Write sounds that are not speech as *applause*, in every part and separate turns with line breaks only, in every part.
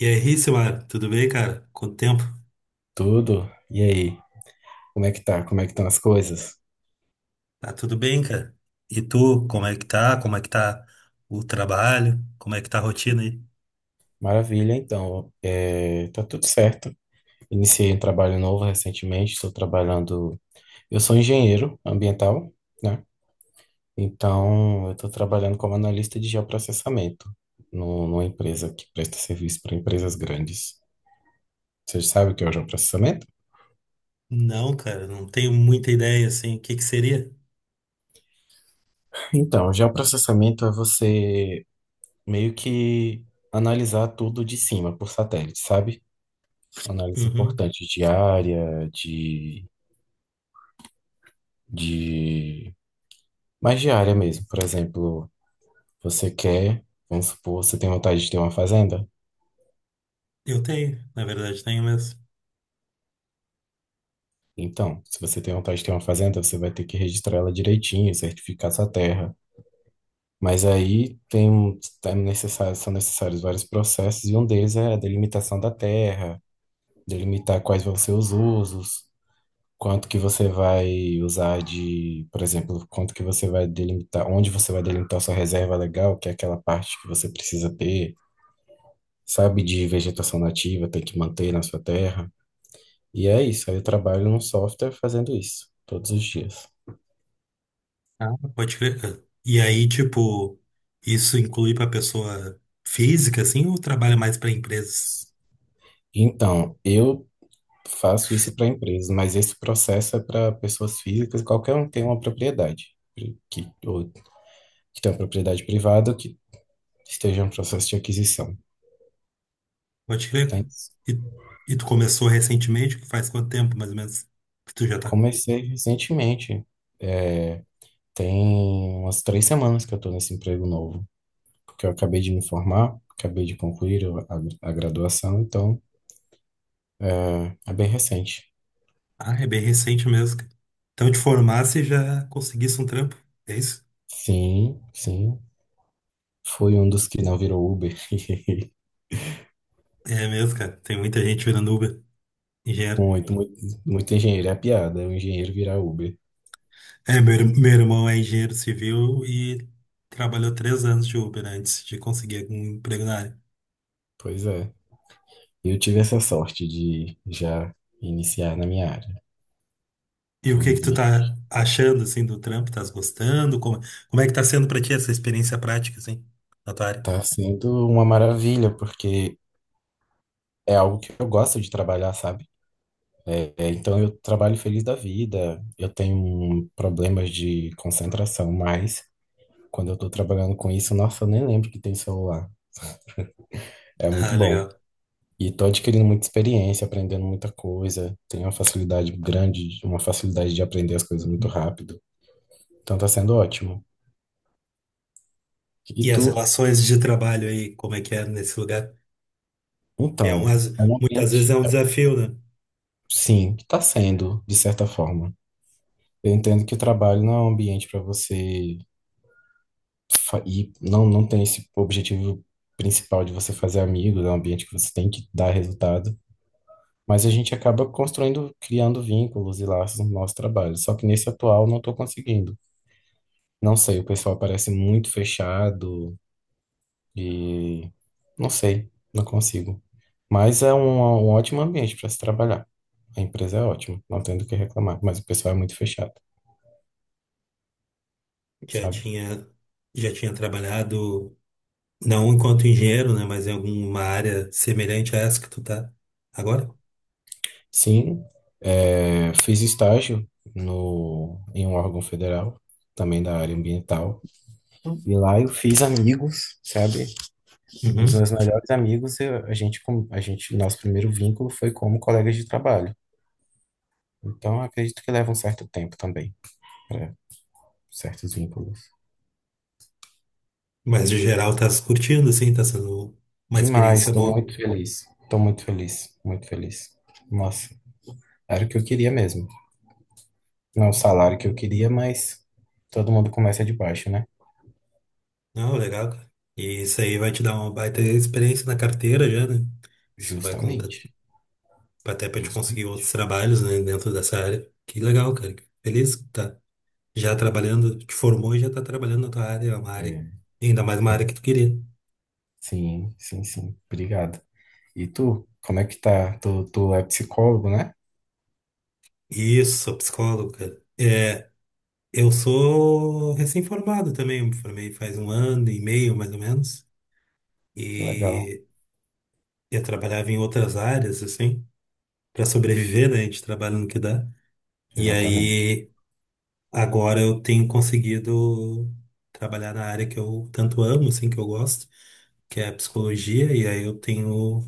E aí, Simar, tudo bem, cara? Quanto tempo?
Tudo? E aí? Como é que tá? Como é que estão as coisas?
Tá tudo bem, cara? E tu, como
É,
é que tá? Como é que tá o trabalho? Como é que tá a rotina aí?
maravilha, então. É, tá tudo certo. Iniciei um trabalho novo recentemente. Estou trabalhando. Eu sou engenheiro ambiental, né? Então, eu estou trabalhando como analista de geoprocessamento no, numa empresa que presta serviço para empresas grandes. Você sabe o que é o geoprocessamento?
Não, cara, não tenho muita ideia, assim, o que que seria?
Então, o geoprocessamento é você meio que analisar tudo de cima por satélite, sabe? Análise
Uhum.
importante de áreade... Mais de área mesmo. Por exemplo, você quer, vamos supor, você tem vontade de ter uma fazenda?
Eu tenho, na verdade, tenho mesmo.
Então, se você tem vontade de ter uma fazenda, você vai ter que registrar ela direitinho, certificar sua terra. Mas aí tem, é necessário, são necessários vários processos, e um deles é a delimitação da terra, delimitar quais vão ser os usos. Quanto que você vai usar de, por exemplo, quanto que você vai delimitar, onde você vai delimitar sua reserva legal, que é aquela parte que você precisa ter, sabe, de vegetação nativa, tem que manter na sua terra. E é isso, aí eu trabalho num software fazendo isso, todos os dias.
Ah, pode crer, cara. E aí, tipo, isso inclui pra pessoa física, assim, ou trabalha mais pra empresas?
Então, eu faço isso para empresas, mas esse processo é para pessoas físicas, qualquer um que tem uma propriedade, que, ou, que tem uma propriedade privada, ou que esteja em um processo de aquisição.
Pode crer,
Tem.
cara. E, e tu começou recentemente? Faz quanto tempo, mais ou menos, que tu já tá?
Comecei recentemente. É, tem umas 3 semanas que eu estou nesse emprego novo, porque eu acabei de me formar, acabei de concluir a graduação, então é bem recente.
Ah, é bem recente mesmo, cara. Então te formasse e já conseguisse um trampo. É isso?
Sim, sim. Fui um dos que não virou Uber.
É mesmo, cara. Tem muita gente virando Uber, engenheiro.
Muito, muito, muito engenheiro é piada, é um engenheiro virar Uber.
É, meu, meu irmão é engenheiro civil e trabalhou três anos de Uber antes de conseguir algum emprego na área.
Pois é. Eu tive essa sorte de já iniciar na minha área,
E o que que tu
felizmente.
tá achando, assim, do trampo? Tás gostando? Como, como é que tá sendo pra ti essa experiência prática, assim, na tua área?
Tá sendo uma maravilha, porque é algo que eu gosto de trabalhar, sabe? É, então eu trabalho feliz da vida. Eu tenho problemas de concentração, mas quando eu tô trabalhando com isso, nossa, eu nem lembro que tem celular. É muito
Ah,
bom.
legal.
E tô adquirindo muita experiência, aprendendo muita coisa. Tenho uma facilidade grande, uma facilidade de aprender as coisas muito rápido. Então tá sendo ótimo. E
E as
tu?
relações de trabalho aí, como é que é nesse lugar? É um,
Então, é um
muitas vezes é
ambiente,
um desafio, né?
sim, tá sendo, de certa forma. Eu entendo que o trabalho não é um ambiente para você e não tem esse objetivo principal de você fazer amigos, é um ambiente que você tem que dar resultado, mas a gente acaba construindo, criando vínculos e laços no nosso trabalho. Só que nesse atual não estou conseguindo. Não sei, o pessoal parece muito fechado e não sei, não consigo. Mas é um ótimo ambiente para se trabalhar. A empresa é ótima, não tenho do que reclamar, mas o pessoal é muito fechado,
Já
sabe?
tinha, já tinha trabalhado, não enquanto engenheiro, né? Mas em alguma área semelhante a essa que tu tá agora.
Sim, fiz estágio no, em um órgão federal, também da área ambiental, e lá eu fiz amigos, sabe? Um dos
Uhum.
meus melhores amigos, a gente, a gente, nosso primeiro vínculo foi como colegas de trabalho. Então, acredito que leva um certo tempo também para certos vínculos.
Mas de geral tá se curtindo, assim, tá sendo uma
Demais,
experiência boa.
estou muito feliz, muito feliz. Nossa, era o que eu queria mesmo. Não o salário que eu queria, mas todo mundo começa de baixo, né?
Não, legal, cara. E isso aí vai te dar uma baita experiência na carteira já, né? Isso vai contar
Justamente,
até pra te conseguir
justamente.
outros trabalhos, né, dentro dessa área. Que legal, cara. Feliz que tá já trabalhando, te formou e já tá trabalhando na tua área, é uma área, ainda mais uma área que tu queria.
Sim, sim, sim. Obrigado. E tu, como é que tá? Tu, tu é psicólogo, né?
Isso, sou psicólogo, cara. Eu sou recém-formado também, eu me formei faz um ano e meio, mais ou menos,
Que legal.
e eu trabalhava em outras áreas, assim, para sobreviver, né? A gente trabalha no que dá. E
Exatamente.
aí, agora eu tenho conseguido trabalhar na área que eu tanto amo, assim, que eu gosto, que é a psicologia, e aí eu tenho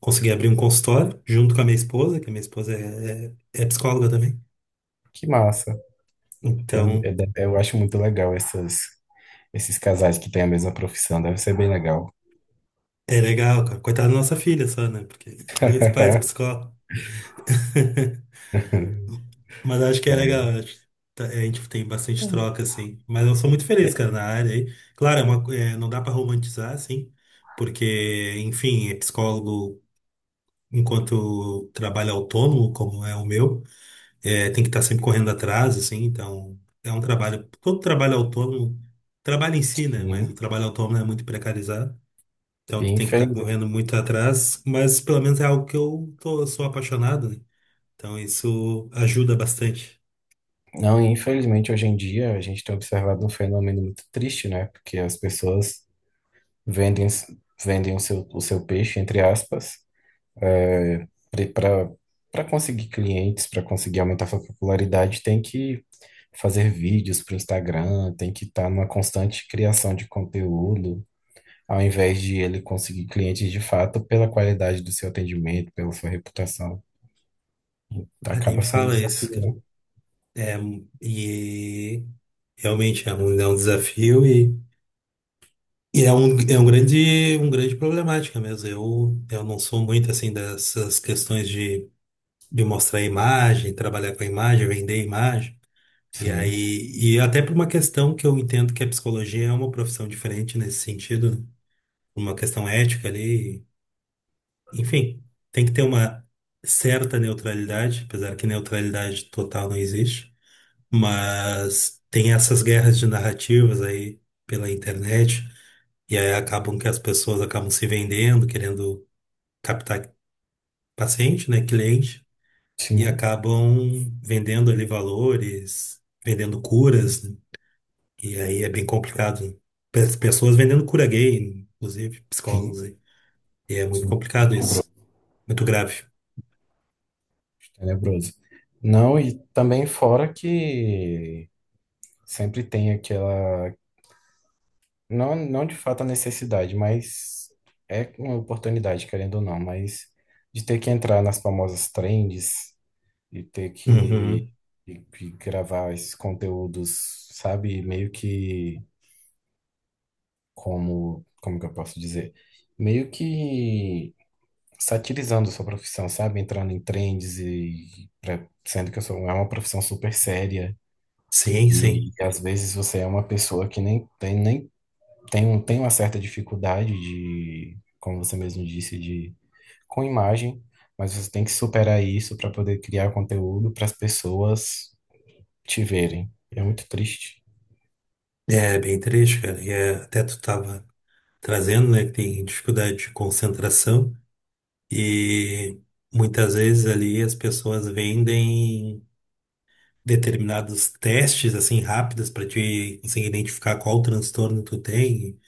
consegui abrir um consultório junto com a minha esposa, que a minha esposa é psicóloga também.
Que massa.
Então,
Eu acho muito legal esses casais que têm a mesma profissão. Deve ser bem legal.
é legal, cara. Coitada da nossa filha só, né? Porque dois pais
*laughs*
psicólogos. *laughs* Mas acho que é
É,
legal. Eu acho. A gente tem bastante troca, assim. Mas eu sou muito feliz,
é,
cara, na área aí. Claro, não dá pra romantizar, assim. Porque, enfim, é psicólogo enquanto trabalho autônomo, como é o meu, tem que estar sempre correndo atrás, assim. Então, é um trabalho. Todo trabalho autônomo, trabalho em si, né? Mas o
sim.
trabalho autônomo é muito precarizado. Então
E
tu tem que estar
infeliz...
correndo muito atrás, mas pelo menos é algo que eu tô, sou apaixonado, né? Então isso ajuda bastante.
Não, e infelizmente, hoje em dia, a gente tem observado um fenômeno muito triste, né? Porque as pessoas vendem, vendem o seu peixe, entre aspas, Para para conseguir clientes, para conseguir aumentar sua popularidade, tem que fazer vídeos para o Instagram, tem que estar numa constante criação de conteúdo, ao invés de ele conseguir clientes de fato pela qualidade do seu atendimento, pela sua reputação. Tá,
Ah, nem me
acaba sendo um
fala isso,
desafio,
cara.
né?
E realmente é um desafio e é um grande problemática mesmo. Eu não sou muito assim dessas questões de mostrar imagem, trabalhar com a imagem, vender imagem. E
Sim,
aí, e até por uma questão que eu entendo que a psicologia é uma profissão diferente nesse sentido, né? Uma questão ética ali. Enfim, tem que ter uma certa neutralidade, apesar que neutralidade total não existe, mas tem essas guerras de narrativas aí pela internet, e aí acabam que as pessoas acabam se vendendo, querendo captar paciente, né, cliente, e
sim,
acabam vendendo ali valores, vendendo curas, né? E aí é bem complicado. Pessoas vendendo cura gay, inclusive psicólogos
sim,
aí. E é muito
sim,
complicado isso, muito grave.
tenebroso. Não, e também fora que sempre tem aquela. Não, não de fato a necessidade, mas é uma oportunidade, querendo ou não, mas de ter que entrar nas famosas trends e ter que,
Uhum.
que gravar esses conteúdos, sabe? Meio que como, como que eu posso dizer? Meio que satirizando sua profissão, sabe? Entrando em trends e sendo que eu sou, é uma profissão super séria.
Sim,
E
sim.
às vezes você é uma pessoa que nem tem nem tem, um- tem uma certa dificuldade de, como você mesmo disse, de com imagem, mas você tem que superar isso para poder criar conteúdo para as pessoas te verem. É muito triste.
É bem triste, cara. E é, até tu tava trazendo, né, que tem dificuldade de concentração e muitas vezes ali as pessoas vendem determinados testes assim rápidos para te conseguir identificar qual transtorno tu tem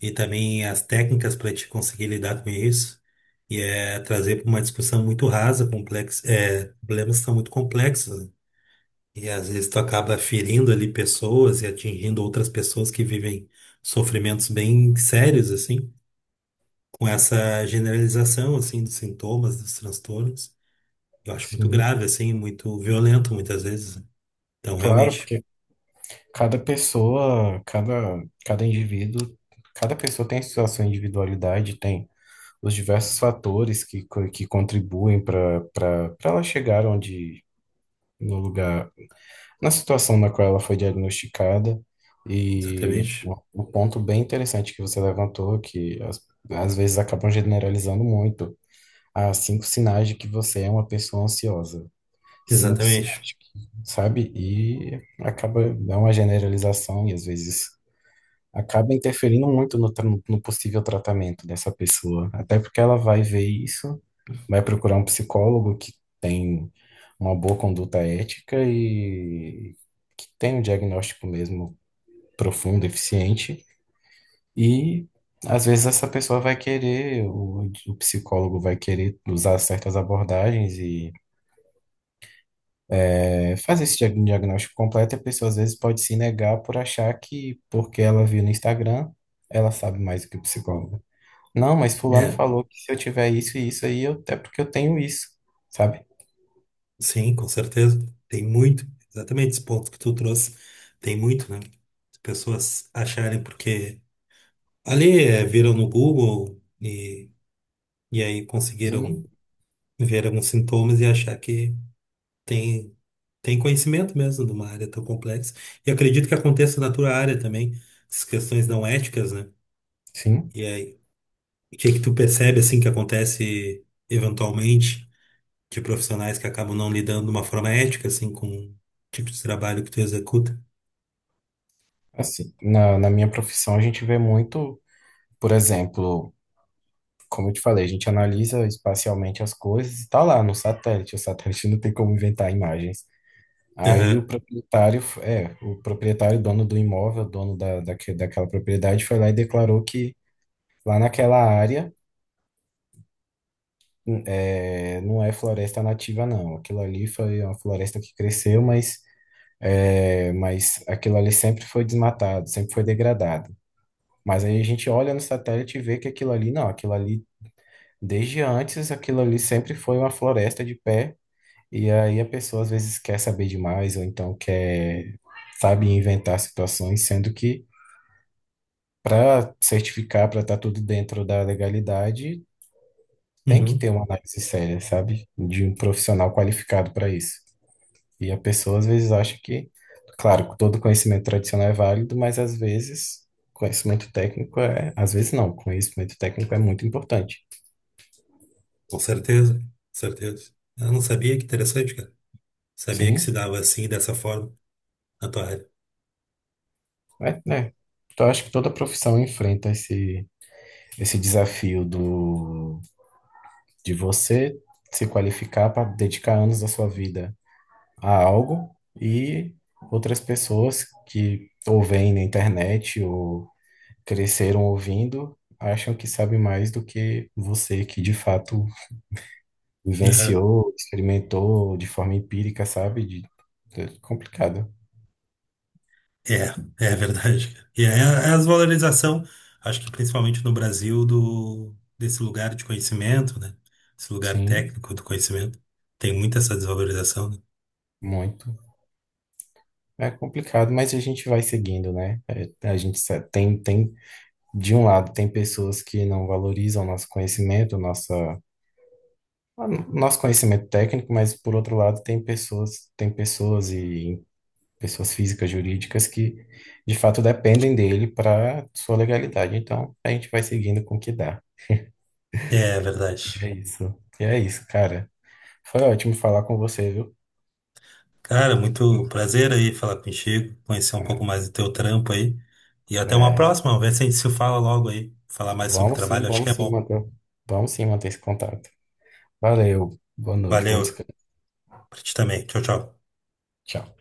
e também as técnicas para te conseguir lidar com isso. E é trazer para uma discussão muito rasa, complexa, é, problemas que são muito complexos, né? E às vezes tu acaba ferindo ali pessoas e atingindo outras pessoas que vivem sofrimentos bem sérios, assim, com essa generalização, assim, dos sintomas, dos transtornos. Eu acho muito
Sim,
grave, assim, muito violento muitas vezes. Então,
claro,
realmente,
porque cada pessoa, cada indivíduo, cada pessoa tem a sua individualidade, tem os diversos fatores que, que contribuem para ela chegar onde, no lugar na situação na qual ela foi diagnosticada. E
exatamente,
um ponto bem interessante que você levantou, que às vezes acabam generalizando muito, há cinco sinais de que você é uma pessoa ansiosa. Cinco
exatamente.
sinais, sabe? E acaba, dá uma generalização e às vezes acaba interferindo muito no possível tratamento dessa pessoa. Até porque ela vai ver isso, vai procurar um psicólogo que tem uma boa conduta ética e que tem um diagnóstico mesmo profundo, eficiente. E às vezes essa pessoa vai querer, o psicólogo vai querer usar certas abordagens e é, fazer esse diagnóstico completo. E a pessoa às vezes pode se negar por achar que porque ela viu no Instagram, ela sabe mais do que o psicólogo. Não, mas fulano
É,
falou que se eu tiver isso e isso aí, eu, é porque eu tenho isso, sabe?
sim, com certeza. Tem muito, exatamente esse ponto que tu trouxe, tem muito, né? As pessoas acharem porque ali é, viram no Google e aí conseguiram
Sim,
ver alguns sintomas e achar que tem, tem conhecimento mesmo de uma área tão complexa. E acredito que aconteça na tua área também, essas questões não éticas, né?
sim.
E aí, o que é que tu percebe assim que acontece eventualmente de profissionais que acabam não lidando de uma forma ética assim com o tipo de trabalho que tu executa?
Assim, na minha profissão a gente vê muito, por exemplo, como eu te falei, a gente analisa espacialmente as coisas e tá lá no satélite. O satélite *laughs* não tem como inventar imagens. Aí o
Aham.
proprietário, é, o proprietário, dono do imóvel, dono da, daquela propriedade, foi lá e declarou que lá naquela área é, não é floresta nativa, não. Aquilo ali foi uma floresta que cresceu, mas é, mas aquilo ali sempre foi desmatado, sempre foi degradado. Mas aí a gente olha no satélite e vê que aquilo ali, não, aquilo ali, desde antes, aquilo ali sempre foi uma floresta de pé. E aí a pessoa às vezes quer saber demais, ou então quer, sabe, inventar situações, sendo que para certificar, para estar tudo dentro da legalidade, tem que
Uhum.
ter uma análise séria, sabe? De um profissional qualificado para isso. E a pessoa às vezes acha que, claro, todo conhecimento tradicional é válido, mas às vezes conhecimento técnico é, às vezes não, conhecimento técnico é muito importante.
Com certeza, com certeza. Eu não sabia que interessante, cara. Sabia que se
Sim,
dava assim, dessa forma, na tua área.
é, né? Então, eu acho que toda profissão enfrenta esse, esse desafio do, de você se qualificar para dedicar anos da sua vida a algo e outras pessoas que ou veem na internet ou cresceram ouvindo acham que sabe mais do que você que de fato
Aham.
vivenciou, experimentou de forma empírica, sabe? De, complicado.
É, é verdade, cara. E é é a desvalorização, acho que principalmente no Brasil, do, desse lugar de conhecimento, né? Esse lugar
Sim,
técnico do conhecimento. Tem muita essa desvalorização, né?
muito. É complicado, mas a gente vai seguindo, né? É, a gente tem, de um lado, tem pessoas que não valorizam o nosso conhecimento, nossa, nosso conhecimento técnico, mas por outro lado, tem pessoas e pessoas físicas, jurídicas que de fato dependem dele para sua legalidade. Então, a gente vai seguindo com o que dá.
É
E
verdade.
é isso. E é isso, cara. Foi ótimo falar com você, viu?
Cara, muito prazer aí falar contigo, conhecer um pouco mais do teu trampo aí. E
É,
até uma
é,
próxima, vê se a gente se fala logo aí. Falar mais sobre
vamos sim,
trabalho, acho que
vamos
é
sim
bom.
manter, vamos sim manter esse contato. Valeu, boa noite, bom
Valeu,
descanso.
pra ti também. Tchau, tchau.
Tchau.